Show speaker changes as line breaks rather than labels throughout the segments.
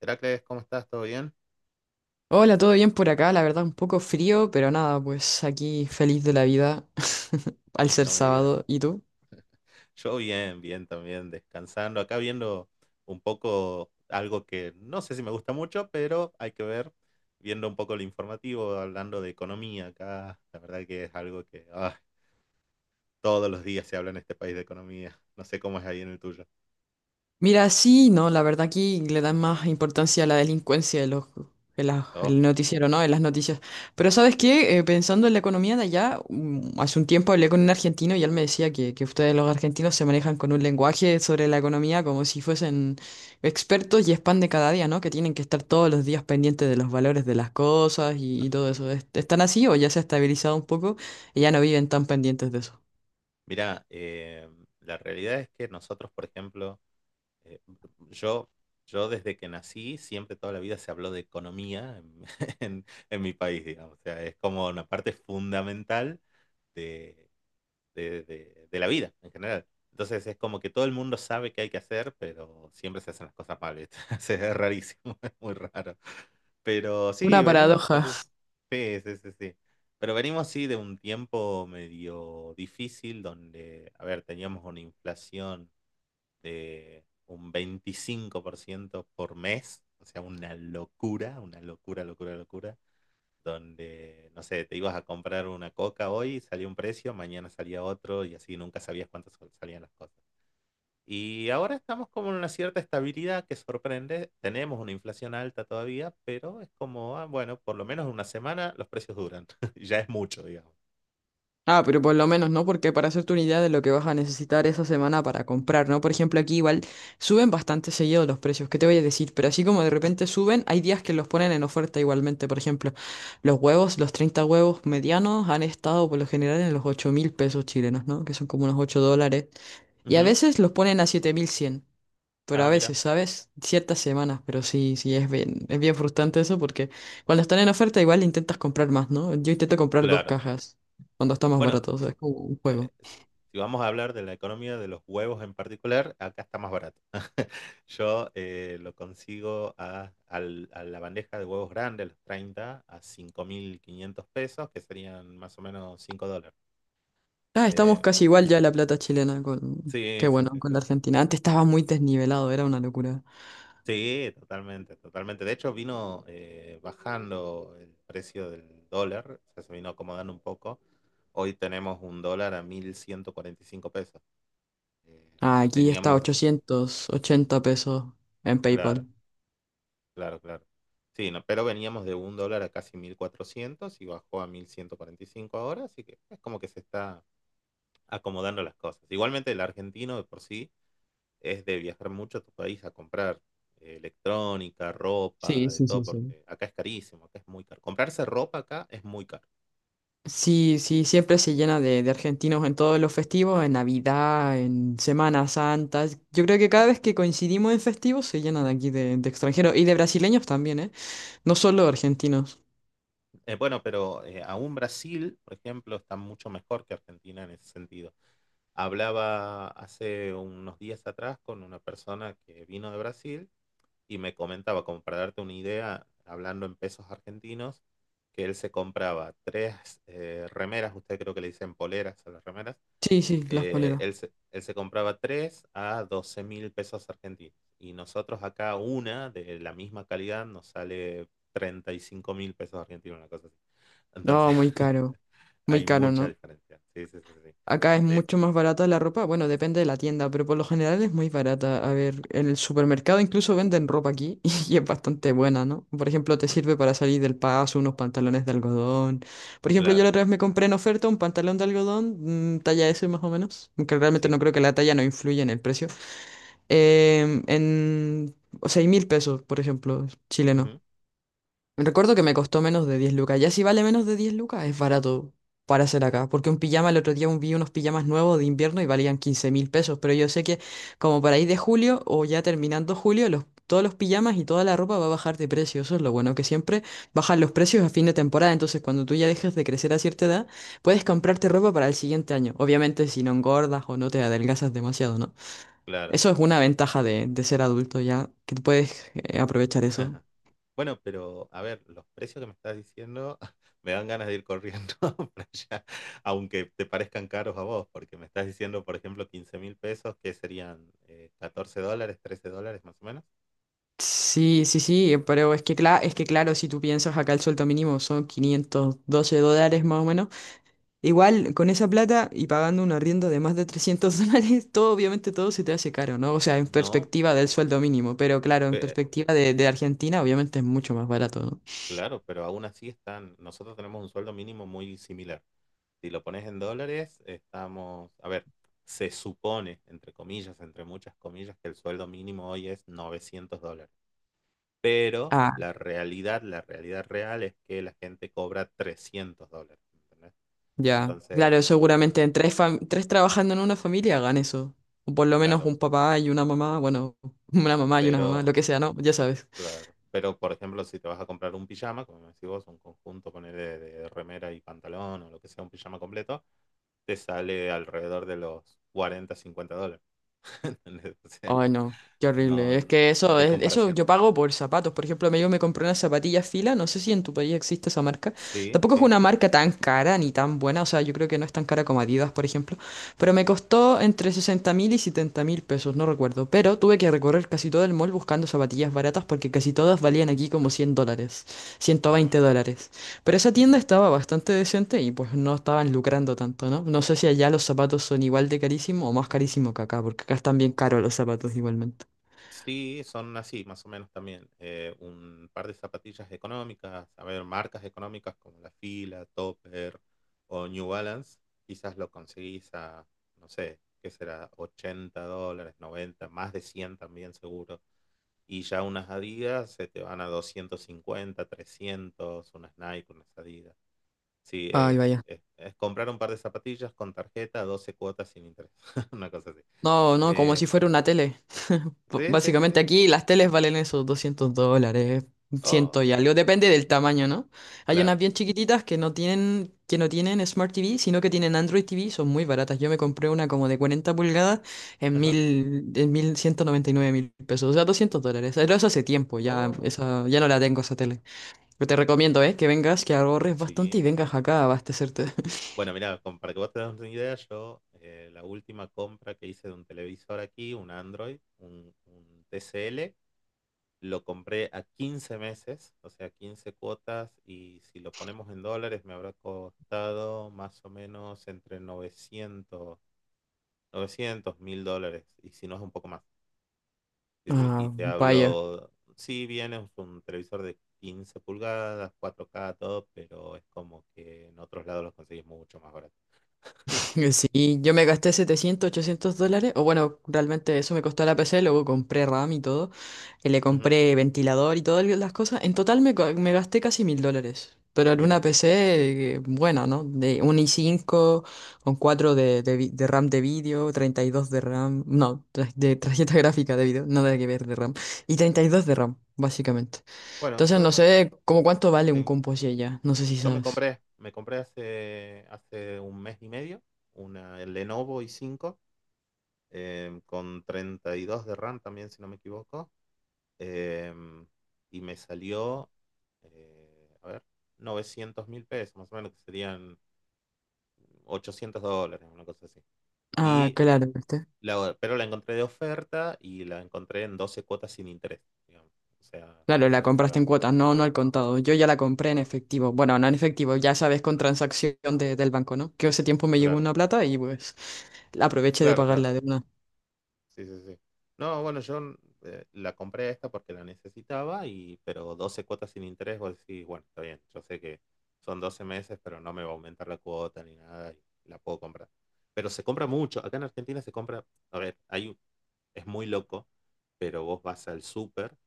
Heracles, ¿cómo estás? ¿Todo bien?
Hola, ¿todo bien por acá? La verdad, un poco frío, pero nada, pues aquí feliz de la vida al ser
No me digas.
sábado. ¿Y tú?
Yo bien, bien también, descansando. Acá viendo un poco algo que no sé si me gusta mucho, pero hay que ver, viendo un poco el informativo, hablando de economía acá. La verdad que es algo que todos los días se habla en este país de economía. No sé cómo es ahí en el tuyo.
Mira, sí, no, la verdad aquí le dan más importancia a la delincuencia de los, en la-
Oh,
el noticiero, ¿no? En las noticias. Pero ¿sabes qué? Pensando en la economía de allá, hace un tiempo hablé con un argentino y él me decía que ustedes los argentinos se manejan con un lenguaje sobre la economía como si fuesen expertos y es pan de cada día, ¿no? Que tienen que estar todos los días pendientes de los valores de las cosas y todo eso. ¿Están así o ya se ha estabilizado un poco y ya no viven tan pendientes de eso?
mira, la realidad es que nosotros, por ejemplo, eh, yo, yo desde que nací, siempre toda la vida se habló de economía en, en- en mi país, digamos. O sea, es como una parte fundamental de, de la vida en general. Entonces es como que todo el mundo sabe qué hay que hacer, pero siempre se hacen las cosas mal, ¿viste? O Es rarísimo, es muy raro. Pero sí,
Una
venimos por...
paradoja.
e, Sí, sí, sí, sí. Pero venimos sí de un tiempo medio difícil donde, a ver, teníamos una inflación de un 25% por mes, o sea, una locura, locura, locura, donde, no sé, te ibas a comprar una coca hoy, salía un precio, mañana salía otro y así nunca sabías cuántas salían las cosas. Y ahora estamos como en una cierta estabilidad que sorprende. Tenemos una inflación alta todavía, pero es como, bueno, por lo menos una semana los precios duran. Ya es mucho, digamos.
Ah, pero por lo menos, ¿no? Porque para hacerte una idea de lo que vas a necesitar esa semana para comprar, ¿no? Por ejemplo, aquí igual suben bastante seguido los precios, ¿qué te voy a decir? Pero así como de repente suben, hay días que los ponen en oferta igualmente. Por ejemplo, los huevos, los 30 huevos medianos han estado por lo general en los 8.000 pesos chilenos, ¿no? Que son como unos 8 dólares. Y a
Ujú.
veces los ponen a 7.100. Pero
Ah,
a
mira,
veces, ¿sabes? Ciertas semanas, pero sí, sí, es bien frustrante eso porque cuando están en oferta igual intentas comprar más, ¿no? Yo intento comprar dos
claro.
cajas cuando está más
Bueno,
barato, o sea, es como un
eh,
juego.
si vamos a hablar de la economía de los huevos en particular, acá está más barato. Yo lo consigo a, a la bandeja de huevos grande, los 30 a 5.500 pesos, que serían más o menos $5.
Ah, estamos
Eh,
casi igual ya la plata chilena con,
sí,
qué
sí,
bueno,
sí,
con
sí,
la
sí.
Argentina. Antes estaba muy desnivelado, era una locura.
Sí, totalmente, totalmente. De hecho, vino bajando el precio del dólar, o sea, se vino acomodando un poco. Hoy tenemos un dólar a 1.145 pesos. Eh,
Ah, aquí está
Teníamos,
880 pesos en
claro.
PayPal.
Claro, claro. Sí, no, pero veníamos de un dólar a casi 1.400 y bajó a 1.145 ahora, así que es como que se está acomodando las cosas. Igualmente el argentino de por sí es de viajar mucho a tu país a comprar electrónica, ropa,
Sí,
de
sí,
todo,
sí, sí.
porque acá es carísimo, acá es muy caro. Comprarse ropa acá es muy caro, por ejemplo.
Sí, sí, siempre se llena de argentinos en todos los festivos, en Navidad, en Semana Santa. Yo creo que cada vez que coincidimos en festivos se llena de aquí de extranjeros y de brasileños también, ¿eh? No solo argentinos.
Bueno, pero aún Brasil, por ejemplo, está mucho mejor que Argentina en ese sentido. Hablaba hace unos días atrás con una persona que vino de Brasil y me comentaba, como para darte una idea, hablando en pesos argentinos, que él se compraba tres remeras, usted creo que le dicen poleras a las remeras,
Sí, sí, las
eh,
poleras.
él, se, él se compraba tres a 12.000 pesos argentinos. Y nosotros acá una de la misma calidad nos sale 35.000 pesos argentinos, una cosa así. Entonces,
No, muy
hay
caro,
mucha
¿no?
diferencia. Sí, sí, sí, sí.
Acá es
De hecho,
mucho más barata la ropa, bueno, depende de la tienda, pero por lo general es muy barata. A ver, en el supermercado incluso venden ropa aquí y es bastante buena, ¿no? Por ejemplo, te sirve para salir del paso unos pantalones de algodón. Por ejemplo, yo
claro,
la otra vez me compré en oferta un pantalón de algodón, talla S más o menos, aunque realmente no
sí.
creo que la talla no influya en el precio. En 6.000 pesos, por ejemplo, chileno.
Ujú.
Recuerdo que me costó menos de 10 lucas. Ya si vale menos de 10 lucas, es barato para hacer acá. Porque un pijama, el otro día vi unos pijamas nuevos de invierno y valían 15.000 pesos. Pero yo sé que como para ir de julio o ya terminando julio, todos los pijamas y toda la ropa va a bajar de precio. Eso es lo bueno, que siempre bajan los precios a fin de temporada. Entonces cuando tú ya dejes de crecer a cierta edad, puedes comprarte ropa para el siguiente año. Obviamente si no engordas o no te adelgazas demasiado, ¿no?
Claro.
Eso es una ventaja de ser adulto ya, que tú puedes aprovechar eso.
Bueno, pero a ver, los precios que me estás diciendo me dan ganas de ir corriendo para allá, aunque te parezcan caros a vos, porque me estás diciendo, por ejemplo, 15.000 pesos, que serían $14, $13 más o menos.
Sí, sí, sí, pero es que, es que claro, si tú piensas acá el sueldo mínimo son 512 dólares más o menos, igual con esa plata y pagando un arriendo de más de 300 dólares, todo obviamente todo se te hace caro, ¿no? O sea, en
No,
perspectiva del sueldo mínimo, pero claro, en
pe-
perspectiva de Argentina obviamente es mucho más barato, ¿no?
claro, pero aún así están, nosotros tenemos un sueldo mínimo muy similar. Si lo pones en dólares, estamos, a ver, se supone, entre comillas, entre muchas comillas, que el sueldo mínimo hoy es $900, pero
Ah,
la realidad real es que la gente cobra $300, ¿entendés?
ya, claro,
Entonces,
seguramente en tres trabajando en una familia hagan eso, o por lo menos
claro,
un papá y una mamá, bueno, una mamá y una mamá, lo
pero,
que sea, ¿no? Ya sabes.
claro, pero por ejemplo, si te vas a comprar un pijama, como me decís vos, un conjunto, poner de remera y pantalón o lo que sea, un pijama completo, te sale alrededor de los $40, $50. ¿Entendés? O sea,
Ay, no, qué horrible.
no,
Es que
no
eso,
hay
eso
comparación.
yo pago por zapatos. Por ejemplo, yo me compré unas zapatillas Fila, no sé si en tu país existe esa marca.
Sí,
Tampoco es
sí,
una marca tan cara ni tan buena, o sea, yo creo que no es tan cara como Adidas, por ejemplo. Pero me costó entre 60.000 y 70.000 pesos, no recuerdo. Pero tuve que recorrer casi todo el mall buscando zapatillas baratas porque casi todas valían aquí como 100 dólares, 120
bueno.
dólares. Pero esa tienda estaba bastante decente y pues no estaban lucrando tanto, ¿no? No sé si allá los zapatos son igual de carísimo o más carísimo que acá, porque acá están bien caros los zapatos igualmente.
Sí, son así, más o menos también. Un par de zapatillas económicas, a ver, marcas económicas como La Fila, Topper o New Balance, quizás lo conseguís a, no sé, qué será, $80, 90, más de 100 también seguro. Y ya unas Adidas se te van a 250, 300, unas Nike, unas Adidas. Sí,
Ay,
es,
vaya.
es, es comprar un par de zapatillas con tarjeta, 12 cuotas sin interés, una cosa así.
No, no, como
Eh,
si fuera una tele.
sí, sí, sí,
Básicamente
sí.
aquí las teles valen esos 200 dólares,
Oh,
ciento y algo,
no,
depende del tamaño, ¿no? Hay unas
claro.
bien chiquititas que no tienen Smart TV, sino que tienen Android TV, son muy baratas. Yo me compré una como de 40 pulgadas
Ajá.
en 1.199.000 pesos, o sea, 200 dólares. Pero eso hace tiempo, ya,
Oh,
esa, ya no la tengo esa tele. Pero te recomiendo, ¿eh? Que vengas, que ahorres bastante
sí.
y vengas acá a abastecerte.
Bueno, mira, para que vos te das una idea, yo la última compra que hice de un televisor aquí, un Android, un TCL, lo compré a 15 meses, o sea, 15 cuotas, y si lo ponemos en dólares me habrá costado más o menos entre novecientos 1000 dólares, y si no es un poco más. Y
Ah,
te
vaya.
hablo, sí, bien, es un televisor de 15 pulgadas, 4K todo, pero es como que en otros lados los conseguís mucho más barato.
Sí, yo me gasté 700 800 dólares, o bueno, realmente eso me costó la PC, luego compré RAM y todo, y le
Ujú,
compré ventilador y todas las cosas, en total me, co- me gasté casi mil dólares, pero en una
mira,
PC buena, ¿no? De un i5 con 4 de RAM de vídeo, 32 de RAM, no, de tarjeta gráfica de vídeo, nada que ver de RAM, y 32 de RAM, básicamente.
bueno,
Entonces no
yo,
sé cómo cuánto vale un
sí,
compo así allá, no sé si
yo me
sabes.
compré, me compré hace un mes y medio una el Lenovo i5 con 32 de RAM también, si no me equivoco, em, y me salió, eh, a ver, 900.000 pesos, más o menos, que serían $800, una cosa así.
Ah,
Y
claro.
Pero la encontré de oferta y la encontré en 12 cuotas sin interés, digamos. O sea,
Claro,
la
la
voy a
compraste
pagar.
en cuotas, no, no al contado. Yo ya la compré en
Mm.
efectivo. Bueno, no en efectivo, ya sabes, con transacción del banco, ¿no? Que hace tiempo me llegó
Claro,
una plata y pues la aproveché de
claro, claro.
pagarla de una.
Sí, sí, sí. No, bueno, yo la compré esta porque la necesitaba, pero 12 cuotas sin interés, vos decís, bueno, está bien, yo sé que son 12 meses, pero no me va a aumentar la cuota ni nada y la puedo comprar. Pero se compra mucho. Acá en Argentina se compra, a ver, hay, es muy loco, pero vos vas al súper,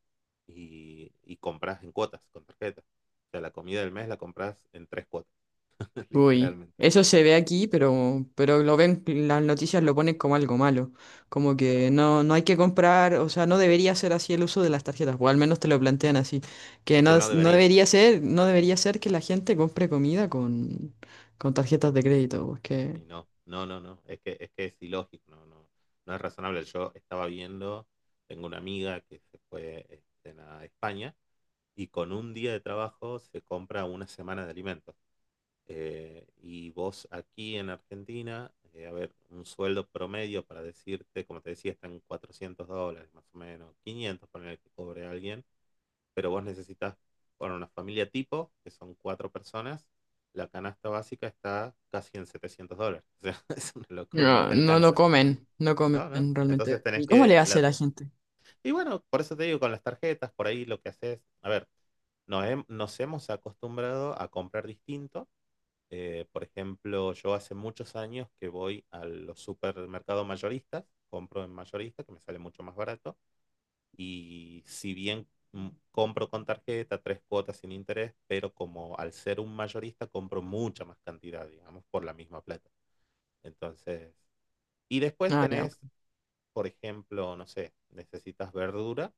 y compras en cuotas con tarjeta. O sea, la comida del mes la compras en 3 cuotas,
Uy,
literalmente.
eso se ve aquí, pero lo ven, las noticias lo ponen como algo malo. Como que no, no hay que comprar, o sea, no debería ser así el uso de las tarjetas, o al menos te lo plantean así. Que
Es que
no,
no debería.
no debería ser que la gente compre comida con tarjetas de crédito, porque
Y no, no, no, no. Es que que es ilógico, no, no, no es razonable. Yo estaba viendo, tengo una amiga que se fue a España y con un día de trabajo se compra una semana de alimentos. Y vos aquí en Argentina, a ver, un sueldo promedio para decirte, como te decía, están $400 más o menos, 500 por el que cobre alguien, pero vos necesitas, bueno, una familia tipo, que son cuatro personas, la canasta básica está casi en $700. O sea, es una locura, no
no,
te
no, no
alcanza.
comen, no comen
¿No? ¿No? Entonces
realmente.
tenés
¿Y cómo le
que...
hace
La...
la gente?
Y bueno, por eso te digo, con las tarjetas, por ahí lo que haces, a ver, nos hemos acostumbrado a comprar distinto. Por ejemplo, yo hace muchos años que voy a los supermercados mayoristas, compro en mayorista, que me sale mucho más barato, y si bien compro con tarjeta, 3 cuotas sin interés, pero como al ser un mayorista compro mucha más cantidad, digamos, por la misma plata. Entonces, y después
Ah, ya,
tenés,
ok.
por ejemplo, no sé, necesitas verdura,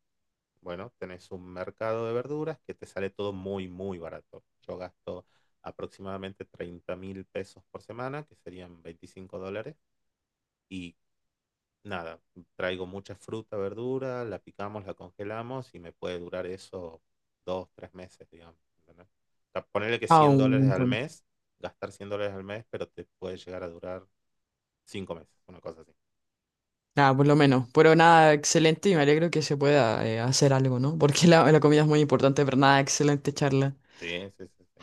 bueno, tenés un mercado de verduras que te sale todo muy, muy barato. Yo gasto aproximadamente 30.000 pesos por semana, que serían $25, y nada, traigo mucha fruta, verdura, la picamos, la congelamos y me puede durar eso 2, 3 meses, digamos. ¿Entendés? O sea, ponerle que
Ah,
cien
un
dólares al
montón.
mes, gastar $100 al mes, pero te puede llegar a durar 5 meses, una cosa así.
Ah, por lo menos. Pero nada, excelente y me alegro que se pueda hacer algo, ¿no? Porque la comida es muy importante, pero nada, excelente charla.
Sí, sí, sí, sí.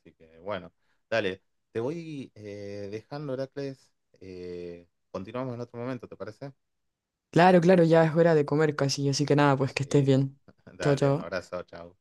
Así que bueno, dale, te voy dejando, Heracles. Continuamos en otro momento, ¿te parece?
Claro, claro, ya es hora de comer casi, así que nada, pues que estés
Sí.
bien. Chao,
Dale, un
chao.
abrazo, chao.